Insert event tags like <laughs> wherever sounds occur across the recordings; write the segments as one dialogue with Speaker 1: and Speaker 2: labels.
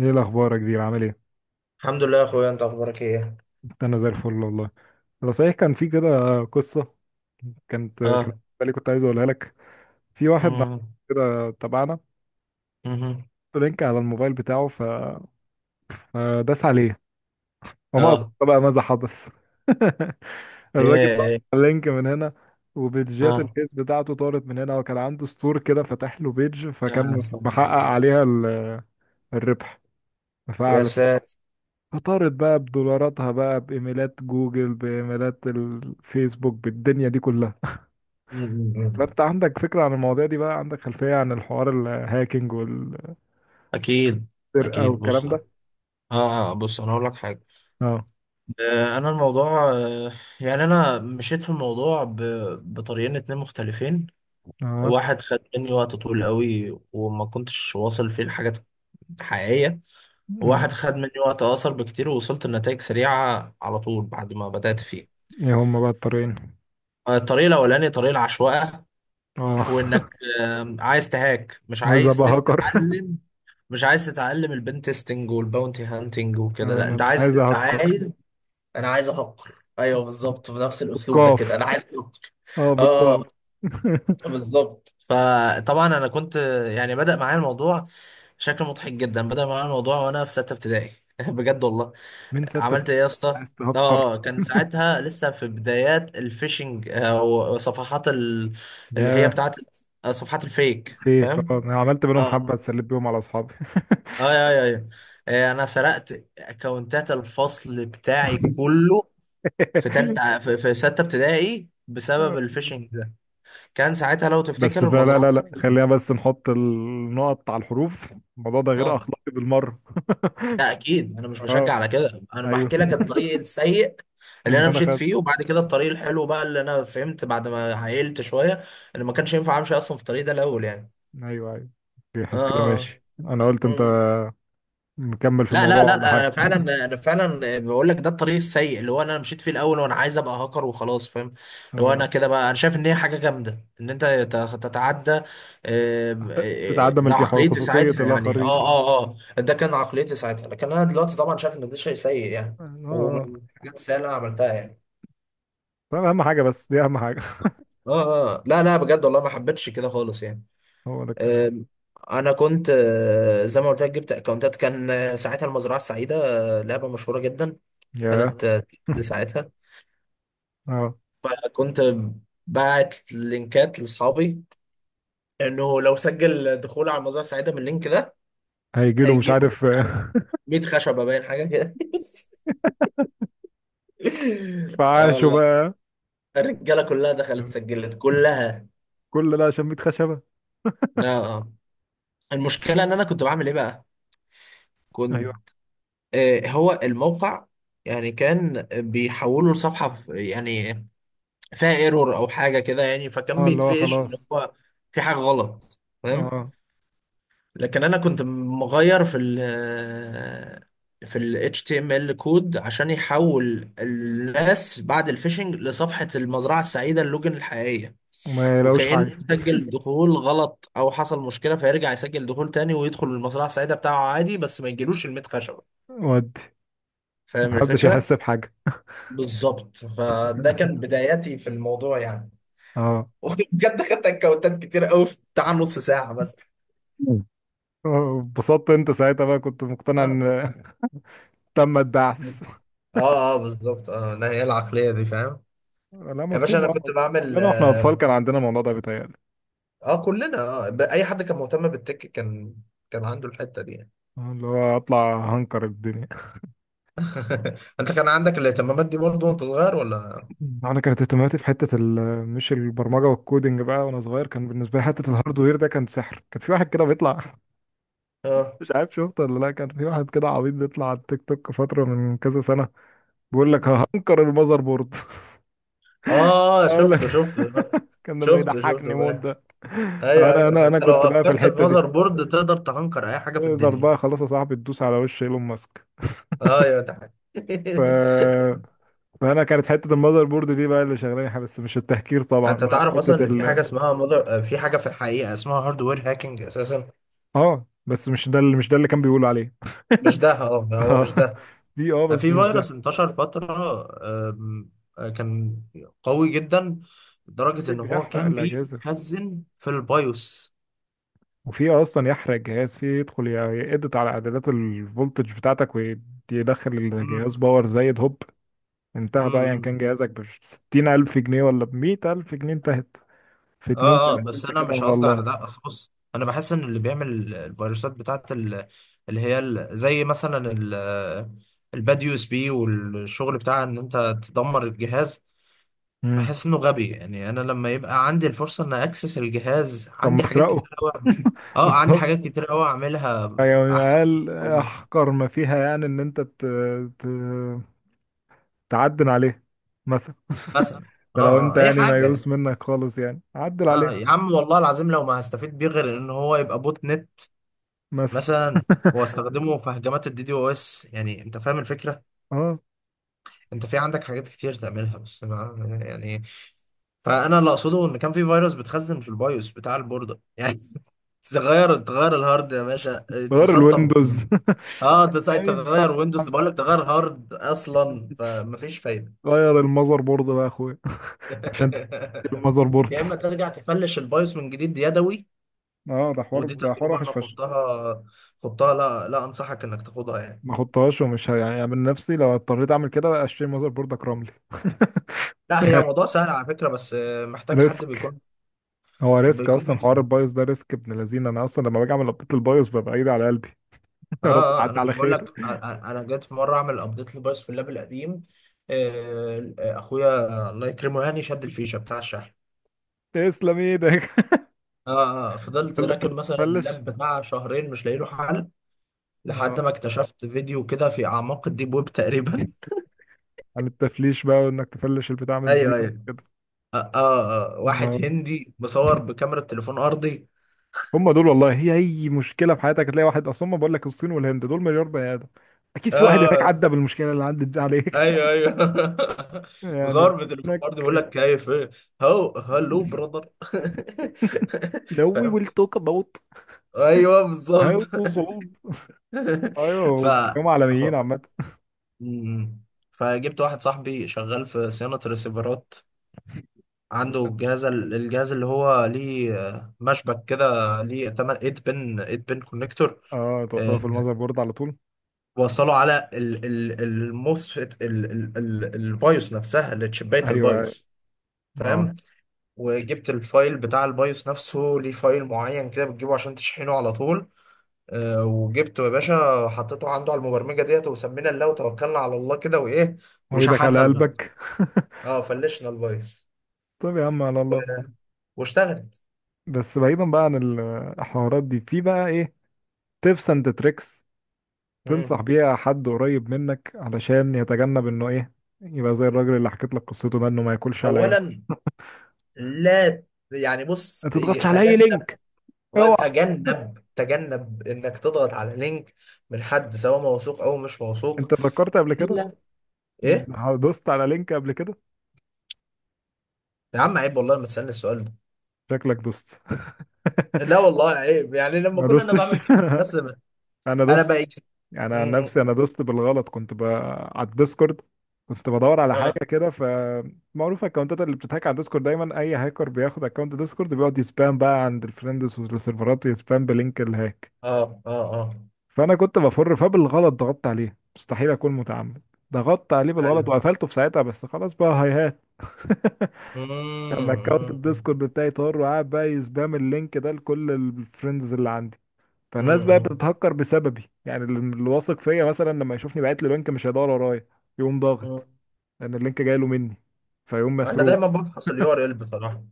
Speaker 1: ايه الاخبار يا كبير؟ عامل ايه؟
Speaker 2: الحمد لله يا اخويا، انت اخبارك ايه؟
Speaker 1: انا زي الفل والله. انا صحيح كان في كده قصه كانت كده،
Speaker 2: اه.
Speaker 1: بالي كنت عايز اقولها لك. في واحد، نعم،
Speaker 2: مم.
Speaker 1: كده تبعنا
Speaker 2: مهم.
Speaker 1: لينك على الموبايل بتاعه فداس عليه وما أدرك
Speaker 2: اه.
Speaker 1: بقى ماذا حدث. <laughs> الراجل ضغط
Speaker 2: ايه.
Speaker 1: على اللينك من هنا وبيدجات
Speaker 2: اه.
Speaker 1: الفيس بتاعته طارت من هنا، وكان عنده ستور كده فتح له بيدج
Speaker 2: يا
Speaker 1: فكان
Speaker 2: سلام.
Speaker 1: محقق عليها الربح
Speaker 2: يا
Speaker 1: فعلا.
Speaker 2: ساتر.
Speaker 1: فطارت بقى بدولاراتها بقى، بإيميلات جوجل، بإيميلات الفيسبوك، بالدنيا دي كلها.
Speaker 2: مم. مم.
Speaker 1: فأنت عندك فكرة عن المواضيع دي بقى؟ عندك خلفية عن الحوار، الهاكينج والسرقة
Speaker 2: اكيد اكيد، بص.
Speaker 1: والكلام
Speaker 2: اه.
Speaker 1: ده؟
Speaker 2: بص انا هقول لك حاجه.
Speaker 1: اه،
Speaker 2: انا الموضوع، يعني انا مشيت في الموضوع بطريقين اتنين مختلفين.
Speaker 1: اه،
Speaker 2: واحد خد مني وقت طويل قوي وما كنتش واصل فيه لحاجات حقيقيه،
Speaker 1: ماشي.
Speaker 2: وواحد خد مني وقت اقصر بكتير ووصلت لنتائج سريعه على طول بعد ما بدات فيه.
Speaker 1: ايه هما بقى الطريقين؟
Speaker 2: الطريق الاولاني طريق العشوائيه،
Speaker 1: اه
Speaker 2: وانك
Speaker 1: <laughs>
Speaker 2: عايز تهاك مش
Speaker 1: عايز
Speaker 2: عايز
Speaker 1: ابقى هاكر.
Speaker 2: تتعلم، مش عايز تتعلم البن تيستنج والباونتي هانتنج
Speaker 1: آه،
Speaker 2: وكده، لا
Speaker 1: انا
Speaker 2: انت
Speaker 1: أنا
Speaker 2: عايز،
Speaker 1: عايز
Speaker 2: انت
Speaker 1: اهكر
Speaker 2: عايز انا عايز احقر. ايوه بالظبط، بنفس الاسلوب ده كده
Speaker 1: بالقاف.
Speaker 2: انا عايز احقر.
Speaker 1: اه،
Speaker 2: اه
Speaker 1: بالقاف. <laughs>
Speaker 2: بالظبط. فطبعا انا كنت، يعني بدأ معايا الموضوع شكل مضحك جدا. بدأ معايا الموضوع وانا في سته ابتدائي <laughs> بجد والله.
Speaker 1: مين ستة؟
Speaker 2: عملت ايه يا اسطى.
Speaker 1: عايز تهكر؟
Speaker 2: اه. كان ساعتها لسه في بدايات الفيشنج او صفحات ال... اللي هي
Speaker 1: يا
Speaker 2: بتاعت، صفحات الفيك،
Speaker 1: فيك،
Speaker 2: فاهم.
Speaker 1: اه، انا عملت منهم
Speaker 2: اه
Speaker 1: حبة، اتسليت بيهم على اصحابي.
Speaker 2: اه، يا، انا سرقت اكونتات الفصل بتاعي كله في ستة ابتدائي بسبب
Speaker 1: <laughs>
Speaker 2: الفيشنج ده. كان ساعتها لو
Speaker 1: بس
Speaker 2: تفتكر
Speaker 1: فلا
Speaker 2: المزرعة
Speaker 1: لا لا
Speaker 2: السعيدة.
Speaker 1: خلينا بس نحط النقط على الحروف. الموضوع ده غير
Speaker 2: اه.
Speaker 1: اخلاقي بالمره.
Speaker 2: لا اكيد، انا
Speaker 1: <laughs>
Speaker 2: مش بشجع
Speaker 1: اه.
Speaker 2: على كده، انا
Speaker 1: ايوه.
Speaker 2: بحكي لك
Speaker 1: <laughs>
Speaker 2: الطريق السيء اللي
Speaker 1: اللي
Speaker 2: انا
Speaker 1: انا
Speaker 2: مشيت فيه،
Speaker 1: خدته.
Speaker 2: وبعد كده الطريق الحلو بقى اللي انا فهمت بعد ما عقلت شويه ان ما كانش ينفع امشي اصلا في الطريق ده الاول يعني.
Speaker 1: ايوه، ايوه،
Speaker 2: اه
Speaker 1: يحس كده،
Speaker 2: اه.
Speaker 1: ماشي، انا قلت انت
Speaker 2: آه.
Speaker 1: مكمل في
Speaker 2: لا لا
Speaker 1: الموضوع ولا
Speaker 2: لا، انا
Speaker 1: حاجه؟
Speaker 2: فعلا، انا فعلا بقول لك ده الطريق السيء اللي هو انا مشيت فيه الاول، وانا عايز ابقى هاكر وخلاص، فاهم. اللي هو
Speaker 1: اه،
Speaker 2: انا كده بقى، انا شايف ان هي حاجه جامده ان انت تتعدى،
Speaker 1: تتعدى
Speaker 2: ده
Speaker 1: ملك
Speaker 2: عقليتي
Speaker 1: خصوصيه
Speaker 2: ساعتها يعني، اه
Speaker 1: الاخرين.
Speaker 2: اه اه. ده كان عقليتي ساعتها، لكن انا دلوقتي طبعا شايف ان ده شيء سيء يعني،
Speaker 1: اه،
Speaker 2: ومن
Speaker 1: آه.
Speaker 2: الحاجات السيئه اللي انا عملتها يعني.
Speaker 1: طب اهم حاجه، بس دي اهم حاجه.
Speaker 2: اه اه، لا لا، بجد والله ما حبيتش كده خالص يعني.
Speaker 1: <laughs> هو ده الكلام.
Speaker 2: آم، انا كنت، زي ما قلت لك جبت اكونتات. كان ساعتها المزرعه السعيده، لعبه مشهوره جدا. قناة
Speaker 1: يا.
Speaker 2: دي ساعتها.
Speaker 1: <laughs> اه،
Speaker 2: فكنت باعت لينكات لاصحابي انه لو سجل دخول على المزرعة السعيدة من اللينك ده
Speaker 1: هيجي له مش
Speaker 2: هيجي له
Speaker 1: عارف.
Speaker 2: مش عارف 100 خشبة، باين حاجة كده.
Speaker 1: <laughs>
Speaker 2: <laughs> اه
Speaker 1: فعاشه
Speaker 2: والله.
Speaker 1: بقى.
Speaker 2: الرجالة كلها دخلت سجلت كلها.
Speaker 1: كل ده عشان 100 خشبه؟
Speaker 2: اه اه. المشكلة ان انا كنت بعمل ايه بقى؟
Speaker 1: ايوه.
Speaker 2: كنت آه هو الموقع، يعني كان بيحوله لصفحة يعني فيها ايرور او حاجة كده، يعني فكان
Speaker 1: اه، اللي هو
Speaker 2: بيتفقش ان
Speaker 1: خلاص.
Speaker 2: هو في حاجة غلط،
Speaker 1: اه،
Speaker 2: لكن انا كنت مغير في ال HTML كود عشان يحول الناس بعد الفيشنج لصفحة المزرعة السعيدة اللوجن الحقيقية،
Speaker 1: وما يلاقوش
Speaker 2: وكأنه
Speaker 1: حاجه.
Speaker 2: سجل دخول غلط او حصل مشكلة فيرجع يسجل دخول تاني ويدخل المزرعة السعيدة بتاعه عادي، بس ما يجيلوش الميت خشبة.
Speaker 1: ودي
Speaker 2: فاهم
Speaker 1: محدش
Speaker 2: الفكرة؟
Speaker 1: يحس بحاجة.
Speaker 2: بالظبط، فده كان
Speaker 1: <laughs>
Speaker 2: بداياتي في الموضوع يعني.
Speaker 1: اه.
Speaker 2: <laughs> وبجد خدت اكونتات كتير قوي في بتاع نص ساعة بس.
Speaker 1: مم. آه، اتبسطت انت ساعتها بقى، كنت مقتنع
Speaker 2: اه
Speaker 1: ان <laughs> تم الدعس.
Speaker 2: اه، بالظبط. اه لا، هي العقلية دي، فاهم.
Speaker 1: لا
Speaker 2: يا باشا
Speaker 1: مفهوم،
Speaker 2: انا كنت
Speaker 1: اه.
Speaker 2: بعمل
Speaker 1: كلنا واحنا اطفال
Speaker 2: اه،
Speaker 1: كان عندنا الموضوع ده، بيتهيألي.
Speaker 2: كلنا اه اي حد كان مهتم بالتك كان، كان عنده الحتة دي يعني.
Speaker 1: آه، اللي هو اطلع هنكر الدنيا.
Speaker 2: <laughs> انت كان عندك الاهتمامات دي برضو وانت صغير ولا.
Speaker 1: <laughs> مم. انا كانت اهتماماتي في حته مش البرمجه والكودينج بقى، وانا صغير كان بالنسبه لي حته الهاردوير ده كان سحر. كان في واحد كده بيطلع <laughs>
Speaker 2: اه.
Speaker 1: مش عارف شفته ولا لا، كان في واحد كده عبيط بيطلع على التيك توك فتره من كذا سنه، بيقول لك
Speaker 2: مم.
Speaker 1: هنكر المذر بورد.
Speaker 2: اه
Speaker 1: اقول لك،
Speaker 2: شفته شفته. آه.
Speaker 1: <laughs> كان ده
Speaker 2: شفته شفته
Speaker 1: بيضحكني موت
Speaker 2: بقى.
Speaker 1: ده.
Speaker 2: ايوه
Speaker 1: انا انا
Speaker 2: ايوه،
Speaker 1: انا
Speaker 2: انت لو
Speaker 1: كنت بقى في
Speaker 2: هكرت
Speaker 1: الحته دي،
Speaker 2: المذر بورد تقدر تهنكر اي حاجة في
Speaker 1: تقدر
Speaker 2: الدنيا.
Speaker 1: بقى خلاص يا صاحبي تدوس على وش ايلون ماسك.
Speaker 2: اه يا ده حاجة
Speaker 1: ف...
Speaker 2: <laughs>
Speaker 1: فانا كانت حته المذر بورد دي بقى اللي شغلاني حاجة، بس مش التهكير طبعا،
Speaker 2: انت
Speaker 1: بقى
Speaker 2: تعرف اصلا
Speaker 1: حته
Speaker 2: ان في حاجة
Speaker 1: ال
Speaker 2: اسمها مذر؟ في حاجة في الحقيقة اسمها هاردوير هاكينج اساسا.
Speaker 1: اه بس مش ده، مش ده اللي كان بيقول عليه.
Speaker 2: مش ده اه، ده
Speaker 1: <laughs>
Speaker 2: هو
Speaker 1: اه،
Speaker 2: مش ده.
Speaker 1: دي اه،
Speaker 2: في
Speaker 1: بس مش ده.
Speaker 2: فيروس انتشر فترة، أم، كان قوي جدا لدرجة
Speaker 1: في
Speaker 2: إن هو
Speaker 1: بيحرق
Speaker 2: كان
Speaker 1: الاجهزه،
Speaker 2: بيتخزن في البيوس.
Speaker 1: وفي اصلا يحرق الجهاز، في يدخل يقدر على اعدادات الفولتج بتاعتك ويدخل
Speaker 2: مم.
Speaker 1: الجهاز باور زايد، هوب انتهى بقى. يعني كان
Speaker 2: مم.
Speaker 1: جهازك بستين ألف جنيه ولا بمية ألف جنيه، انتهت في اتنين تلاتة،
Speaker 2: بس
Speaker 1: انت
Speaker 2: أنا
Speaker 1: كده
Speaker 2: مش
Speaker 1: على
Speaker 2: قصدي على
Speaker 1: الله.
Speaker 2: ده، أصل بص، أنا بحس إن اللي بيعمل الفيروسات بتاعت اللي هي زي مثلا الباد يو اس بي، والشغل بتاع إن أنت تدمر الجهاز،
Speaker 1: مم.
Speaker 2: بحس انه غبي. يعني انا لما يبقى عندي الفرصه ان اكسس الجهاز،
Speaker 1: طب ما
Speaker 2: عندي حاجات كتير
Speaker 1: اسرقه.
Speaker 2: قوي.
Speaker 1: <laughs>
Speaker 2: اه، عندي
Speaker 1: بالظبط.
Speaker 2: حاجات كتير قوي اعملها
Speaker 1: يعني
Speaker 2: احسن <laughs> من
Speaker 1: أقل
Speaker 2: الجواز.
Speaker 1: أحقر ما فيها يعني إن أنت ت... تعدل عليه مثلا.
Speaker 2: مثلا. اه
Speaker 1: ده لو
Speaker 2: اه،
Speaker 1: أنت
Speaker 2: اي
Speaker 1: يعني
Speaker 2: حاجه
Speaker 1: ميؤوس
Speaker 2: يعني.
Speaker 1: منك خالص يعني، عدل
Speaker 2: اه
Speaker 1: عليه
Speaker 2: يا عم والله العظيم لو ما هستفيد بيه غير ان هو يبقى بوت نت
Speaker 1: مثلا.
Speaker 2: مثلا، واستخدمه في هجمات الدي دي او اس، يعني انت فاهم الفكره.
Speaker 1: اه،
Speaker 2: انت في عندك حاجات كتير تعملها بس ما <laughs> يعني. فانا اللي اقصده ان كان في فيروس بتخزن في البايوس بتاع البورده يعني. <laughs> تغير الهارد يا باشا،
Speaker 1: غير
Speaker 2: تسطب.
Speaker 1: الويندوز. <laughs>
Speaker 2: اه انت ساعة
Speaker 1: أيوة،
Speaker 2: تغير ويندوز بقول لك تغير هارد اصلا، فمفيش فايده.
Speaker 1: غير المذر بورد بقى يا أخويا. <laughs> عشان تجيب المذر
Speaker 2: <laughs>
Speaker 1: بورد.
Speaker 2: يا اما ترجع تفلش البايوس من جديد يدوي.
Speaker 1: اه، ده حوار،
Speaker 2: ودي
Speaker 1: ده حوار
Speaker 2: تجربه
Speaker 1: وحش
Speaker 2: انا
Speaker 1: فشخ.
Speaker 2: خضتها. خضتها؟ لا لا، انصحك انك تاخدها يعني.
Speaker 1: ما احطهاش، ومش يعني من نفسي لو اضطريت اعمل كده اشتري ماذر بورد اكرملي. <laughs>
Speaker 2: لا، هي موضوع سهل على فكره، بس محتاج حد
Speaker 1: ريسك.
Speaker 2: بيكون
Speaker 1: هو ريسك
Speaker 2: بيكون
Speaker 1: اصلا، حوار
Speaker 2: بيفهم.
Speaker 1: البايوس ده ريسك ابن لذينه. انا اصلا لما باجي اعمل ابديت البايوس ببقى ايدي على قلبي. <laughs> يا رب
Speaker 2: اه اه، انا
Speaker 1: تعدي
Speaker 2: مش
Speaker 1: على
Speaker 2: بقول
Speaker 1: خير.
Speaker 2: لك، انا جيت مره اعمل ابديت للبايوس في اللاب القديم. اخويا الله يكرمه يعني شد الفيشه بتاع الشحن.
Speaker 1: تسلم ايدك.
Speaker 2: اه اه،
Speaker 1: <laughs> ده
Speaker 2: فضلت
Speaker 1: اللي خلاك
Speaker 2: راكن مثلا
Speaker 1: تفلش.
Speaker 2: اللاب بتاع شهرين مش لاقي له حل، لحد
Speaker 1: اه،
Speaker 2: ما اكتشفت فيديو كده في اعماق الديب ويب تقريبا.
Speaker 1: عن التفليش بقى، وانك تفلش البتاع
Speaker 2: <laughs>
Speaker 1: من
Speaker 2: ايوه
Speaker 1: زيرو
Speaker 2: ايوه.
Speaker 1: كده.
Speaker 2: واحد
Speaker 1: آه.
Speaker 2: هندي مصور بكاميرا تليفون ارضي.
Speaker 1: هم دول والله، هي اي مشكله في حياتك هتلاقي واحد اصلا، ما بقول لك، الصين والهند دول مليار بني ادم، اكيد في واحد هناك
Speaker 2: آه
Speaker 1: عدى بالمشكله اللي عدت دي عليك.
Speaker 2: ايوه
Speaker 1: <laughs>
Speaker 2: ايوه <laughs>
Speaker 1: يعني.
Speaker 2: مصور بتليفون
Speaker 1: هناك.
Speaker 2: ارضي بيقول لك كيف ايه، هو هلو براذر <laughs>
Speaker 1: No, we
Speaker 2: فاهم،
Speaker 1: will talk about.
Speaker 2: ايوه بالظبط
Speaker 1: هيوصلوا صعود.
Speaker 2: <laughs> ف
Speaker 1: ايوه، هم عالميين
Speaker 2: هو-
Speaker 1: عامة.
Speaker 2: مم. فجبت واحد صاحبي شغال في صيانة ريسيفرات، عنده الجهاز اللي هو ليه، مشبك كده ليه 8 8 بن 8 بن كونكتور،
Speaker 1: اه، توصلوا في المذر بورد على طول.
Speaker 2: وصله على الموسفيت البايوس نفسها اللي تشبيت
Speaker 1: ايوه، أيوة.
Speaker 2: البايوس.
Speaker 1: اه،
Speaker 2: فاهم. وجبت الفايل بتاع البايوس نفسه ليه فايل معين كده بتجيبه عشان تشحنه على طول. وجبته يا باشا، حطيته عنده على المبرمجه ديت، وسمينا الله وتوكلنا على الله كده وايه.
Speaker 1: وايدك
Speaker 2: وشحنا
Speaker 1: على
Speaker 2: البايوس.
Speaker 1: قلبك. <laughs>
Speaker 2: اه، فلشنا البايوس.
Speaker 1: طب يا عم على
Speaker 2: و-
Speaker 1: الله.
Speaker 2: واشتغلت.
Speaker 1: بس بعيدا بقى عن الحوارات دي، في بقى ايه تيبس اند تريكس تنصح
Speaker 2: مم.
Speaker 1: بيها حد قريب منك علشان يتجنب انه ايه، يبقى زي الراجل اللي حكيت لك قصته ده، انه ما ياكلش على عينه؟
Speaker 2: اولا، لا. يعني
Speaker 1: ما
Speaker 2: بص،
Speaker 1: تضغطش على اي
Speaker 2: تجنب
Speaker 1: لينك، اوعى.
Speaker 2: تجنب تجنب انك تضغط على لينك من حد سواء موثوق او مش موثوق.
Speaker 1: انت فكرت قبل كده؟
Speaker 2: الا. ايه؟
Speaker 1: دوست على لينك قبل كده؟
Speaker 2: يا عم عيب والله ما تسألني السؤال ده.
Speaker 1: شكلك دوست.
Speaker 2: لا
Speaker 1: <laughs>
Speaker 2: والله عيب. يعني لما
Speaker 1: ما
Speaker 2: كنا انا
Speaker 1: دوستش.
Speaker 2: بعمل كده بس
Speaker 1: <laughs> انا
Speaker 2: انا
Speaker 1: دوست،
Speaker 2: بقى،
Speaker 1: يعني عن
Speaker 2: اه
Speaker 1: نفسي انا دوست بالغلط، كنت على الديسكورد كنت بدور على حاجه
Speaker 2: اه
Speaker 1: كده. فمعروف الاكونتات اللي بتتهاك على الديسكورد دايما، اي هاكر بياخد اكونت ديسكورد بيقعد يسبام بقى عند الفريندز والسيرفرات، ويسبام بلينك الهاك.
Speaker 2: اه اه.
Speaker 1: فانا كنت بفر، فبالغلط ضغطت عليه، مستحيل اكون متعمد، ضغطت عليه بالغلط
Speaker 2: ايوه.
Speaker 1: وقفلته في ساعتها، بس خلاص بقى، هاي هات. <laughs>
Speaker 2: مم،
Speaker 1: كان اكونت
Speaker 2: مم،
Speaker 1: الديسكورد بتاعي طار، وقاعد بقى يسبام اللينك ده لكل الفريندز اللي عندي. فالناس بقى
Speaker 2: مم،
Speaker 1: بتتهكر بسببي يعني، اللي واثق فيا مثلا لما يشوفني بعت له لينك مش هيدور ورايا، يقوم
Speaker 2: مم.
Speaker 1: ضاغط، لان اللينك جاي له مني، فيقوم
Speaker 2: انا
Speaker 1: مسروق.
Speaker 2: دايما بفحص اليو ار ال بصراحة.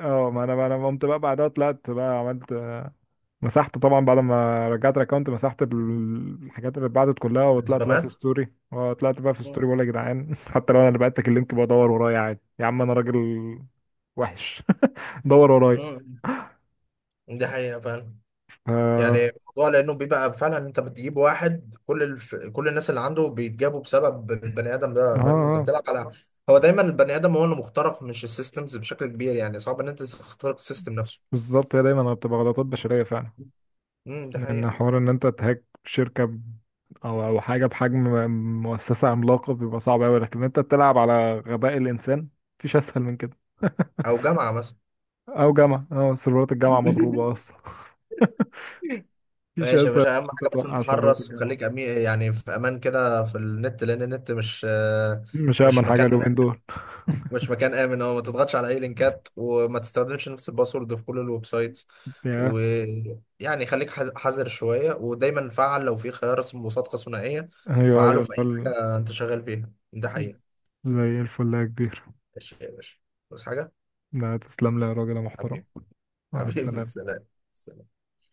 Speaker 1: اه، ما انا قمت بقى بعدها طلعت بقى عملت مسحت طبعا بعد ما رجعت الاكونت، مسحت الحاجات اللي اتبعتت كلها، وطلعت بقى في
Speaker 2: السبامات.
Speaker 1: ستوري،
Speaker 2: مم،
Speaker 1: بقول يا جدعان <laughs> حتى لو انا اللي بعتك اللينك، بدور ورايا عادي، يا عم انا راجل وحش. <laughs> دور ورايا.
Speaker 2: مم. دي حقيقة فعلا.
Speaker 1: ف-
Speaker 2: يعني
Speaker 1: اه
Speaker 2: الموضوع لانه بيبقى فعلا، انت بتجيب واحد كل الناس اللي عنده بيتجابوا بسبب البني ادم
Speaker 1: اه
Speaker 2: ده، فاهم انت
Speaker 1: آه،
Speaker 2: بتلعب على، هو دايما البني ادم هو اللي مخترق، مش السيستمز بشكل كبير، يعني صعب ان انت تخترق السيستم نفسه.
Speaker 1: بالظبط. هي دايما بتبقى غلطات بشرية فعلا.
Speaker 2: امم، ده
Speaker 1: لأن
Speaker 2: حقيقة.
Speaker 1: حوار إن أنت تهاك شركة أو حاجة بحجم مؤسسة عملاقة بيبقى صعب أوي، لكن أنت تلعب على غباء الإنسان، مفيش أسهل من كده.
Speaker 2: او جامعة مثلا.
Speaker 1: أو جامعة، أه سيرفرات الجامعة مضروبة
Speaker 2: <laughs>
Speaker 1: أصلا. <laughs> مفيش
Speaker 2: ماشي يا
Speaker 1: أسهل
Speaker 2: باشا، اهم
Speaker 1: من
Speaker 2: حاجة
Speaker 1: أنت
Speaker 2: بس انت
Speaker 1: توقع سيرفرات
Speaker 2: حرص
Speaker 1: الجامعة.
Speaker 2: وخليك يعني في امان كده في النت، لان النت مش،
Speaker 1: مش
Speaker 2: مش
Speaker 1: أأمن حاجة
Speaker 2: مكان
Speaker 1: اليومين دول.
Speaker 2: مش مكان امن. اه ما تضغطش على اي لينكات، وما تستخدمش نفس الباسورد في كل الويب سايتس،
Speaker 1: يا،
Speaker 2: ويعني خليك حذر شويه، ودايما فعل لو في خيار اسمه مصادقه ثنائيه.
Speaker 1: أيوه
Speaker 2: فعله
Speaker 1: أيوه
Speaker 2: في اي
Speaker 1: الفل.
Speaker 2: حاجه انت شغال فيها، ده حقيقه.
Speaker 1: زي الفل يا كبير.
Speaker 2: ماشي يا باشا، بس حاجه،
Speaker 1: لا تسلم لي يا راجل يا محترم.
Speaker 2: حبيبي <laughs>
Speaker 1: مع
Speaker 2: حبيبي.
Speaker 1: السلامة.
Speaker 2: السلام.